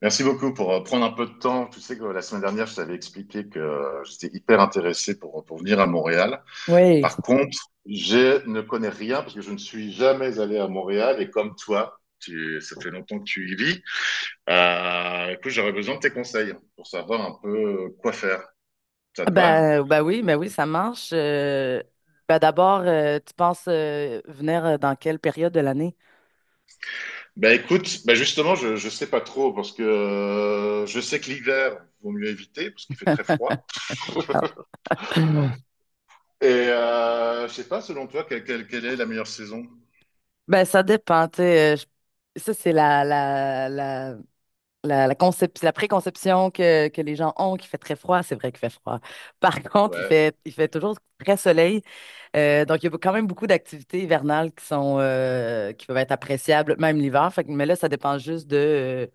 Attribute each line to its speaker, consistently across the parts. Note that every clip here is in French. Speaker 1: Merci beaucoup pour prendre un peu de temps. Tu sais que la semaine dernière, je t'avais expliqué que j'étais hyper intéressé pour venir à Montréal.
Speaker 2: Oui,
Speaker 1: Par contre, je ne connais rien parce que je ne suis jamais allé à Montréal et comme toi, tu, ça fait longtemps que tu y vis. Écoute, j'aurais besoin de tes conseils pour savoir un peu quoi faire. Ça
Speaker 2: ah
Speaker 1: te va?
Speaker 2: bah, bah oui, ça marche. Bah d'abord, tu penses venir dans quelle période de l'année?
Speaker 1: Ben écoute, ben justement, je sais pas trop parce que je sais que l'hiver, vaut mieux éviter parce qu'il fait très froid.
Speaker 2: Ah.
Speaker 1: Et je sais pas, selon toi, quelle est la meilleure saison?
Speaker 2: Ben, ça dépend, tu sais, ça, c'est la préconception que les gens ont qu'il fait très froid. C'est vrai qu'il fait froid. Par contre, il
Speaker 1: Ouais.
Speaker 2: fait, il fait toujours très soleil. Donc, il y a quand même beaucoup d'activités hivernales qui sont, qui peuvent être appréciables, même l'hiver. Mais là, ça dépend juste de, euh,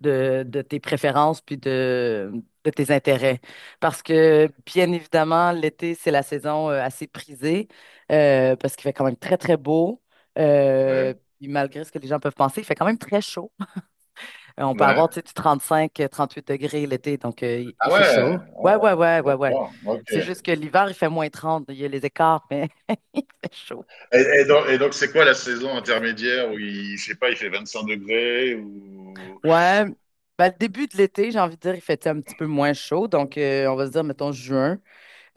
Speaker 2: de, de tes préférences puis de tes intérêts. Parce que, bien évidemment, l'été, c'est la saison assez prisée, parce qu'il fait quand même très, très beau.
Speaker 1: Ouais.
Speaker 2: Puis malgré ce que les gens peuvent penser, il fait quand même très chaud. On peut
Speaker 1: Ouais.
Speaker 2: avoir, tu sais, du 35, 38 degrés l'été, donc il,
Speaker 1: Ah
Speaker 2: il fait
Speaker 1: ouais,
Speaker 2: chaud.
Speaker 1: ah
Speaker 2: Ouais,
Speaker 1: ouais.
Speaker 2: ouais, ouais, ouais, ouais.
Speaker 1: D'accord, ok.
Speaker 2: C'est juste que l'hiver, il fait -30, il y a les écarts, mais il fait chaud.
Speaker 1: Et donc, c'est quoi la saison intermédiaire où il, je sais pas, il fait 25 degrés ou...
Speaker 2: Ouais. Ben, le début de l'été, j'ai envie de dire, il fait un petit peu moins chaud. Donc, on va se dire, mettons, juin.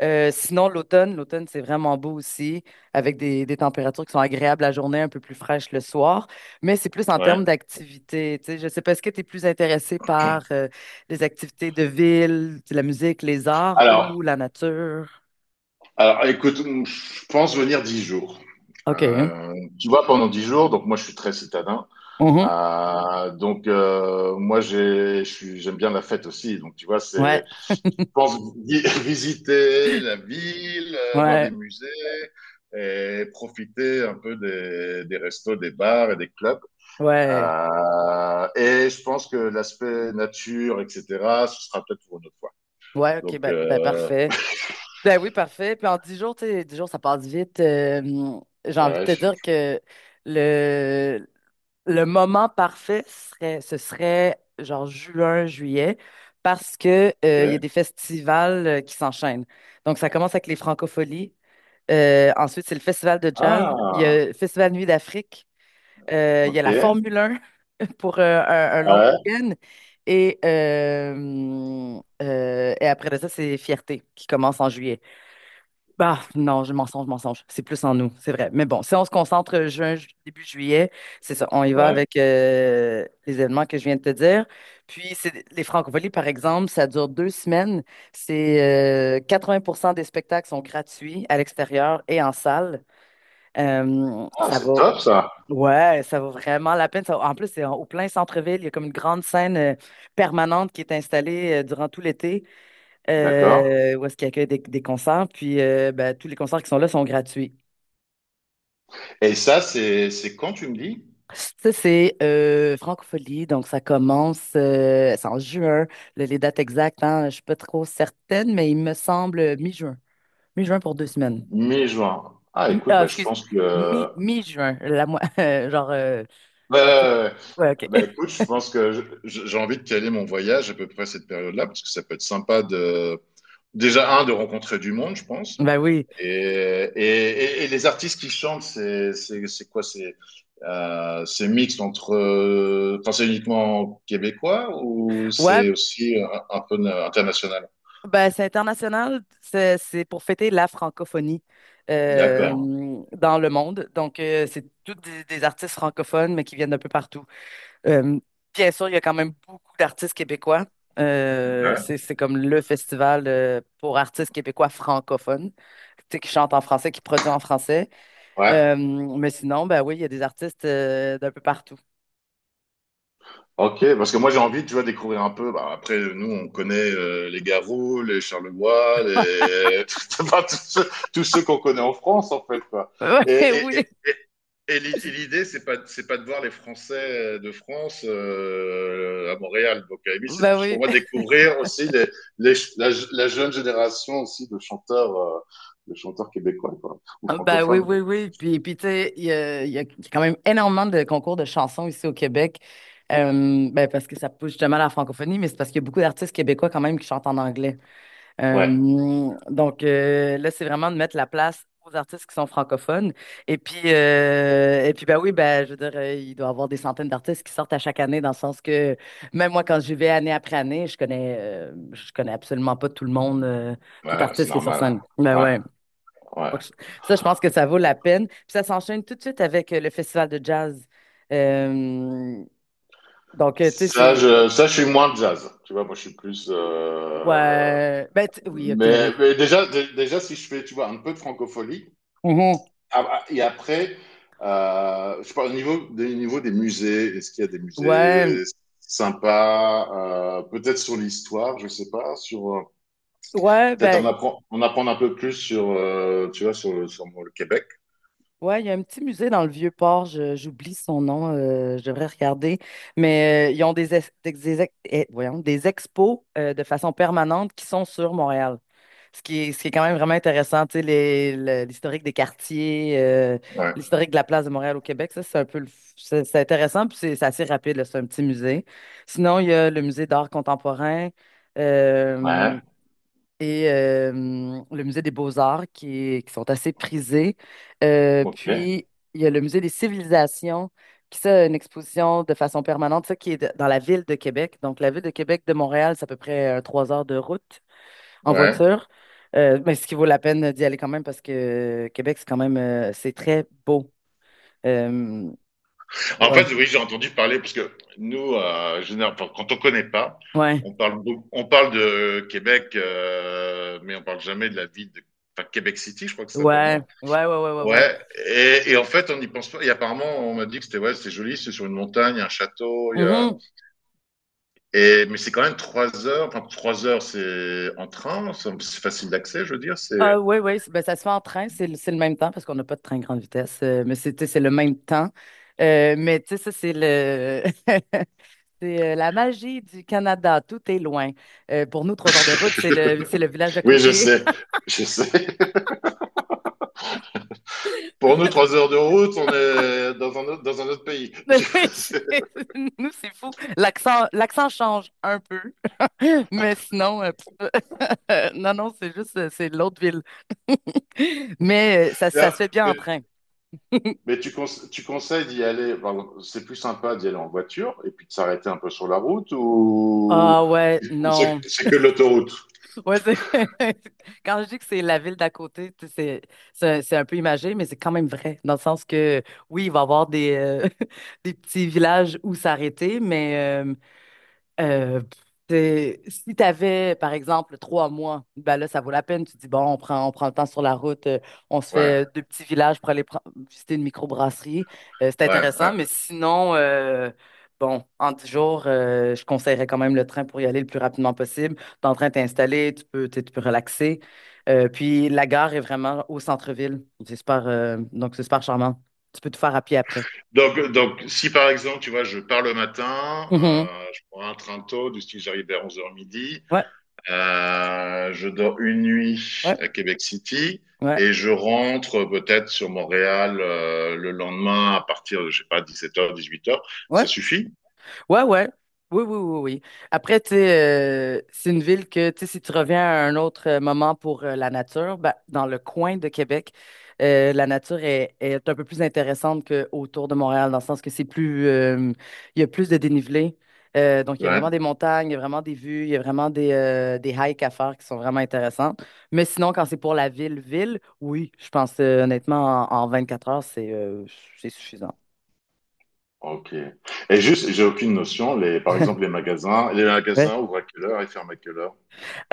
Speaker 2: Sinon, l'automne, l'automne, c'est vraiment beau aussi, avec des températures qui sont agréables la journée, un peu plus fraîches le soir, mais c'est plus en
Speaker 1: Ouais.
Speaker 2: termes d'activités. Tu sais, je sais pas, est-ce que tu es plus intéressé par les activités de ville, la musique, les arts
Speaker 1: Alors,
Speaker 2: ou la nature?
Speaker 1: alors, écoute, je pense venir 10 jours.
Speaker 2: OK.
Speaker 1: Euh, tu vois, pendant 10 jours, donc moi je suis très citadin.
Speaker 2: Mhm.
Speaker 1: Moi j'aime bien la fête aussi. Donc tu vois,
Speaker 2: Ouais,
Speaker 1: c'est, je pense visiter la ville, voir
Speaker 2: ouais,
Speaker 1: des musées et profiter un peu des restos, des bars et des clubs.
Speaker 2: ouais.
Speaker 1: Et je pense que l'aspect nature, etc., ce sera peut-être pour une autre fois.
Speaker 2: Ouais, OK,
Speaker 1: Donc,
Speaker 2: ben, ben, parfait. Ben oui, parfait. Puis en 10 jours, tu sais, 10 jours, ça passe vite. J'ai
Speaker 1: ouais,
Speaker 2: envie de te dire que le, le moment parfait serait, ce serait genre juin, juillet, parce que il y a
Speaker 1: ok.
Speaker 2: des festivals qui s'enchaînent. Donc, ça commence avec les Francopholies. Ensuite, c'est le festival de jazz. Il y
Speaker 1: Ah,
Speaker 2: a le festival Nuit d'Afrique. Il y a
Speaker 1: ok.
Speaker 2: la Formule 1 pour un long
Speaker 1: Ouais,
Speaker 2: week-end. Et après de ça, c'est Fierté qui commence en juillet. Bah, non, je mensonge, mensonge. C'est plus en nous, c'est vrai. Mais bon, si on se concentre juin, début juillet, c'est ça. On y va
Speaker 1: ouais.
Speaker 2: avec les événements que je viens de te dire. Puis, c'est les francophonies, par exemple, ça dure 2 semaines. C'est 80 des spectacles sont gratuits à l'extérieur et en salle.
Speaker 1: Ah,
Speaker 2: Ça
Speaker 1: c'est
Speaker 2: va.
Speaker 1: top ça.
Speaker 2: Ouais, ça vaut vraiment la peine. En plus, c'est au plein centre-ville. Il y a comme une grande scène permanente qui est installée durant tout l'été,
Speaker 1: D'accord.
Speaker 2: où est-ce qu'il accueille des concerts. Puis ben, tous les concerts qui sont là sont gratuits.
Speaker 1: Et ça, c'est quand tu me dis?
Speaker 2: Ça, c'est Francophonie, donc ça commence, c'est en juin. Les dates exactes, hein, je ne suis pas trop certaine, mais il me semble mi-juin. Mi-juin pour 2 semaines.
Speaker 1: Mi-juin. Ah, écoute,
Speaker 2: Ah,
Speaker 1: bah, je
Speaker 2: excuse,
Speaker 1: pense que.
Speaker 2: mi,
Speaker 1: Ouais,
Speaker 2: mi-juin, la, mo- genre...
Speaker 1: ouais,
Speaker 2: partir-
Speaker 1: ouais. Ouais.
Speaker 2: ouais, OK.
Speaker 1: Bah, écoute, je pense que j'ai envie de caler mon voyage à peu près à cette période-là, parce que ça peut être sympa de. Déjà, un, de rencontrer du monde, je pense.
Speaker 2: Ben oui.
Speaker 1: Et, et Et les artistes qui chantent, c'est quoi? C'est mixte entre. Enfin, c'est uniquement québécois ou
Speaker 2: Ouais,
Speaker 1: c'est aussi un peu international?
Speaker 2: ben, c'est international, c'est pour fêter la francophonie
Speaker 1: D'accord.
Speaker 2: euh, dans le monde. Donc, c'est tous des artistes francophones, mais qui viennent d'un peu partout. Euh, Bien sûr, il y a quand même beaucoup d'artistes québécois. Euh,
Speaker 1: Ouais.
Speaker 2: c'est c'est comme le festival pour artistes québécois francophones, tu sais, qui chantent en français, qui produisent en français.
Speaker 1: Ouais.
Speaker 2: Mais sinon, ben oui, il y a des artistes d'un peu partout.
Speaker 1: Ok, parce que moi j'ai envie, tu vois, de découvrir un peu. Bah, après, nous, on connaît les Garous, les Charlevoix, les... enfin, tous ceux qu'on connaît en France, en fait, quoi. Et,
Speaker 2: Ouais, oui,
Speaker 1: et,
Speaker 2: oui.
Speaker 1: Et l'idée, c'est pas de voir les Français de France à Montréal. Donc, à c'est
Speaker 2: Ben
Speaker 1: plus pour
Speaker 2: oui.
Speaker 1: moi découvrir aussi la jeune génération aussi de chanteurs québécois, quoi, ou
Speaker 2: Ah, bah oui,
Speaker 1: francophones.
Speaker 2: oui, oui. Puis, tu sais, il y a quand même énormément de concours de chansons ici au Québec. Ben, parce que ça pousse justement à la francophonie, mais c'est parce qu'il y a beaucoup d'artistes québécois quand même qui chantent en anglais.
Speaker 1: Ouais,
Speaker 2: Donc, là, c'est vraiment de mettre la place aux artistes qui sont francophones. Et puis, ben oui, ben, je veux dire, il doit y avoir des centaines d'artistes qui sortent à chaque année, dans le sens que même moi, quand j'y vais année après année, je connais absolument pas tout le monde, tout
Speaker 1: ouais, c'est
Speaker 2: artiste qui est sur scène.
Speaker 1: normal.
Speaker 2: Ben
Speaker 1: Ouais,
Speaker 2: ouais.
Speaker 1: ouais. Ouais.
Speaker 2: Donc, ça, je pense que ça vaut la peine. Puis ça s'enchaîne tout de suite avec le festival de jazz. Euh, donc, tu sais, c'est...
Speaker 1: Ça, je suis moins jazz. Tu vois, moi, je suis plus.
Speaker 2: Ouais. Ben, oui, OK, oui.
Speaker 1: Mais déjà, déjà, si je fais, tu vois, un peu de francophonie,
Speaker 2: Mhm.
Speaker 1: ah, ah, et après, je parle au niveau des musées. Est-ce qu'il y a des musées
Speaker 2: Ouais,
Speaker 1: sympas, peut-être sur l'histoire, je sais pas, sur
Speaker 2: ouais,
Speaker 1: peut-être
Speaker 2: ben,
Speaker 1: on apprend un peu plus sur, tu vois, sur, sur le Québec.
Speaker 2: ouais, il y a un petit musée dans le Vieux-Port, j'oublie son nom, je devrais regarder, mais ils ont des, ex- eh, voyons, des expos de façon permanente qui sont sur Montréal. Ce qui est quand même vraiment intéressant, tu sais, l'historique des quartiers,
Speaker 1: Ouais.
Speaker 2: l'historique de la place de Montréal au Québec, ça, c'est un peu, c'est intéressant, puis c'est assez rapide, là, c'est un petit musée. Sinon, il y a le musée d'art contemporain euh,
Speaker 1: Ouais.
Speaker 2: et le musée des beaux-arts qui, qui sont assez prisés.
Speaker 1: Ok.
Speaker 2: Puis, il y a le musée des civilisations qui, ça, a une exposition de façon permanente, ça, qui est dans la ville de Québec. Donc, la ville de Québec de Montréal, c'est à peu près 3 heures de route en
Speaker 1: Ouais.
Speaker 2: voiture. Mais ce qui vaut la peine d'y aller quand même parce que Québec, c'est quand même c'est très beau. Euh,
Speaker 1: En
Speaker 2: ouais.
Speaker 1: fait, oui, j'ai entendu parler parce que nous, enfin, quand on connaît pas,
Speaker 2: Ouais.
Speaker 1: on parle, on parle de Québec, mais on parle jamais de la ville de enfin, Québec City, je crois que ça s'appelle, non?
Speaker 2: Ouais. Ouais, ouais, ouais, ouais, ouais.
Speaker 1: Ouais, et en fait, on n'y pense pas. Et apparemment, on m'a dit que c'était ouais, c'est joli, c'est sur une montagne, il y a un château, il y a.
Speaker 2: Mhm.
Speaker 1: Et mais c'est quand même 3 heures. Enfin, 3 heures, c'est en train, c'est facile d'accès, je veux dire.
Speaker 2: Ah
Speaker 1: C'est.
Speaker 2: ouais, ouais, ben, ça se fait en train, c'est le même temps parce qu'on n'a pas de train grande vitesse, mais c'est, tu sais, c'est le même temps. Mais tu sais, ça, c'est le c'est la magie du Canada, tout est loin. Pour nous, 3 heures de route, c'est le village d'à
Speaker 1: Oui, je
Speaker 2: côté.
Speaker 1: sais, je sais. Pour nous, 3 heures de route, on est dans un autre pays.
Speaker 2: Mais
Speaker 1: Je
Speaker 2: oui,
Speaker 1: sais.
Speaker 2: nous, c'est fou. L'accent, l'accent change un peu, mais sinon, pff, non, non, c'est juste, c'est l'autre ville. Mais ça
Speaker 1: Non,
Speaker 2: se fait bien en
Speaker 1: Mais,
Speaker 2: train.
Speaker 1: mais tu, tu conseilles d'y aller. Pardon, c'est plus sympa d'y aller en voiture et puis de s'arrêter un peu sur la route ou,
Speaker 2: Ah ouais,
Speaker 1: ou
Speaker 2: non.
Speaker 1: c'est que l'autoroute?
Speaker 2: Ouais, quand je dis que c'est la ville d'à côté, tu sais, c'est un peu imagé, mais c'est quand même vrai, dans le sens que oui, il va y avoir des, des petits villages où s'arrêter, mais Euh, si tu avais, par exemple, 3 mois, ben là, ça vaut la peine. Tu dis, bon, on prend le temps sur la route, on se
Speaker 1: Ouais,
Speaker 2: fait deux petits villages pour aller visiter une microbrasserie. C'est
Speaker 1: ouais, ouais.
Speaker 2: intéressant, mais sinon, bon, en 10 jours, je conseillerais quand même le train pour y aller le plus rapidement possible. T'es en train de t'installer, tu peux, tu sais, tu peux relaxer. Puis la gare est vraiment au centre-ville. C'est super, donc c'est super charmant. Tu peux tout faire à pied après.
Speaker 1: Donc, si par exemple, tu vois, je pars le matin,
Speaker 2: Mhm.
Speaker 1: je prends un train tôt, du style j'arrive vers 11 heures midi,
Speaker 2: Ouais,
Speaker 1: je dors une nuit
Speaker 2: ouais,
Speaker 1: à Québec City
Speaker 2: ouais.
Speaker 1: et je rentre peut-être sur Montréal le lendemain à partir de, je sais pas, 17 heures, 18 heures. Ça
Speaker 2: Ouais.
Speaker 1: suffit?
Speaker 2: Ouais, ouais. Oui, oui, oui, oui. Après, tu sais, c'est une ville que, tu sais, si tu reviens à un autre moment pour la nature, ben, dans le coin de Québec, la nature est un peu plus intéressante qu'autour de Montréal, dans le sens que c'est plus, il y a plus de dénivelé. Donc, il y a
Speaker 1: Ouais.
Speaker 2: vraiment des montagnes, il y a vraiment des vues, il y a vraiment des hikes à faire qui sont vraiment intéressantes. Mais sinon, quand c'est pour la ville-ville, oui, je pense honnêtement, en 4 heures, c'est suffisant.
Speaker 1: Ok. Et juste, j'ai aucune notion, les, par exemple, les magasins ouvrent à quelle heure et ferment à quelle heure?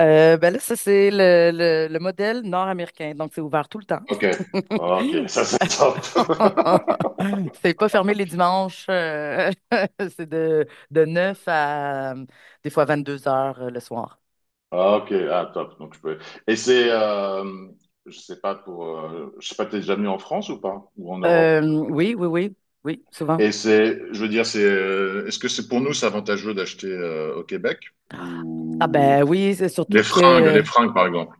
Speaker 2: Ben là, ça, c'est le modèle nord-américain. Donc, c'est ouvert tout le temps.
Speaker 1: Ok. Ok, ça c'est top.
Speaker 2: C'est pas fermé les dimanches. C'est de 9 à des fois 22 h, le soir.
Speaker 1: Ah, ok, ah, top. Donc, je peux... Et c'est, je sais pas pour, je sais pas, t'es déjà venu en France ou pas? Ou en Europe?
Speaker 2: Oui, oui, oui, oui, souvent.
Speaker 1: Et c'est, je veux dire, c'est, est-ce que c'est pour nous, c'est avantageux d'acheter au Québec?
Speaker 2: Ah
Speaker 1: Ou
Speaker 2: ben oui, c'est surtout que
Speaker 1: les fringues, par exemple.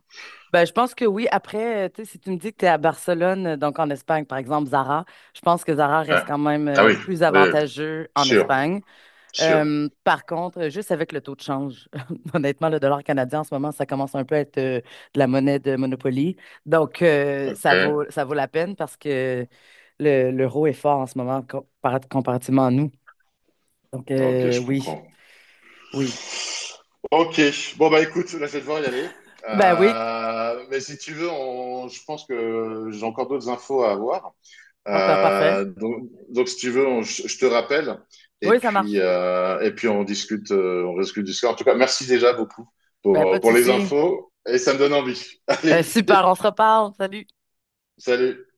Speaker 2: ben je pense que oui, après, tu sais, si tu me dis que tu es à Barcelone, donc en Espagne, par exemple, Zara, je pense que Zara
Speaker 1: Ouais.
Speaker 2: reste quand même
Speaker 1: Ah oui,
Speaker 2: plus
Speaker 1: oui, oui.
Speaker 2: avantageux en
Speaker 1: Sûr,
Speaker 2: Espagne.
Speaker 1: sûr.
Speaker 2: Par contre, juste avec le taux de change, honnêtement, le dollar canadien en ce moment, ça commence un peu à être de la monnaie de Monopoly. Donc, ça vaut,
Speaker 1: Ok,
Speaker 2: ça vaut la peine parce que l'euro est fort en ce moment comparativement à nous. Donc,
Speaker 1: ok, je
Speaker 2: oui,
Speaker 1: comprends.
Speaker 2: oui.
Speaker 1: Ok, bon bah écoute, là je vais devoir y aller.
Speaker 2: Ben oui,
Speaker 1: Mais si tu veux, je pense que j'ai encore d'autres infos à avoir.
Speaker 2: bon, parfait.
Speaker 1: Donc, si tu veux, je te rappelle
Speaker 2: Oui, ça marche.
Speaker 1: et puis on discute du score. En tout cas, merci déjà beaucoup
Speaker 2: Ben, pas de
Speaker 1: pour les
Speaker 2: souci.
Speaker 1: infos et ça me donne envie. Allez,
Speaker 2: Ben, super, on se reparle. Salut.
Speaker 1: salut.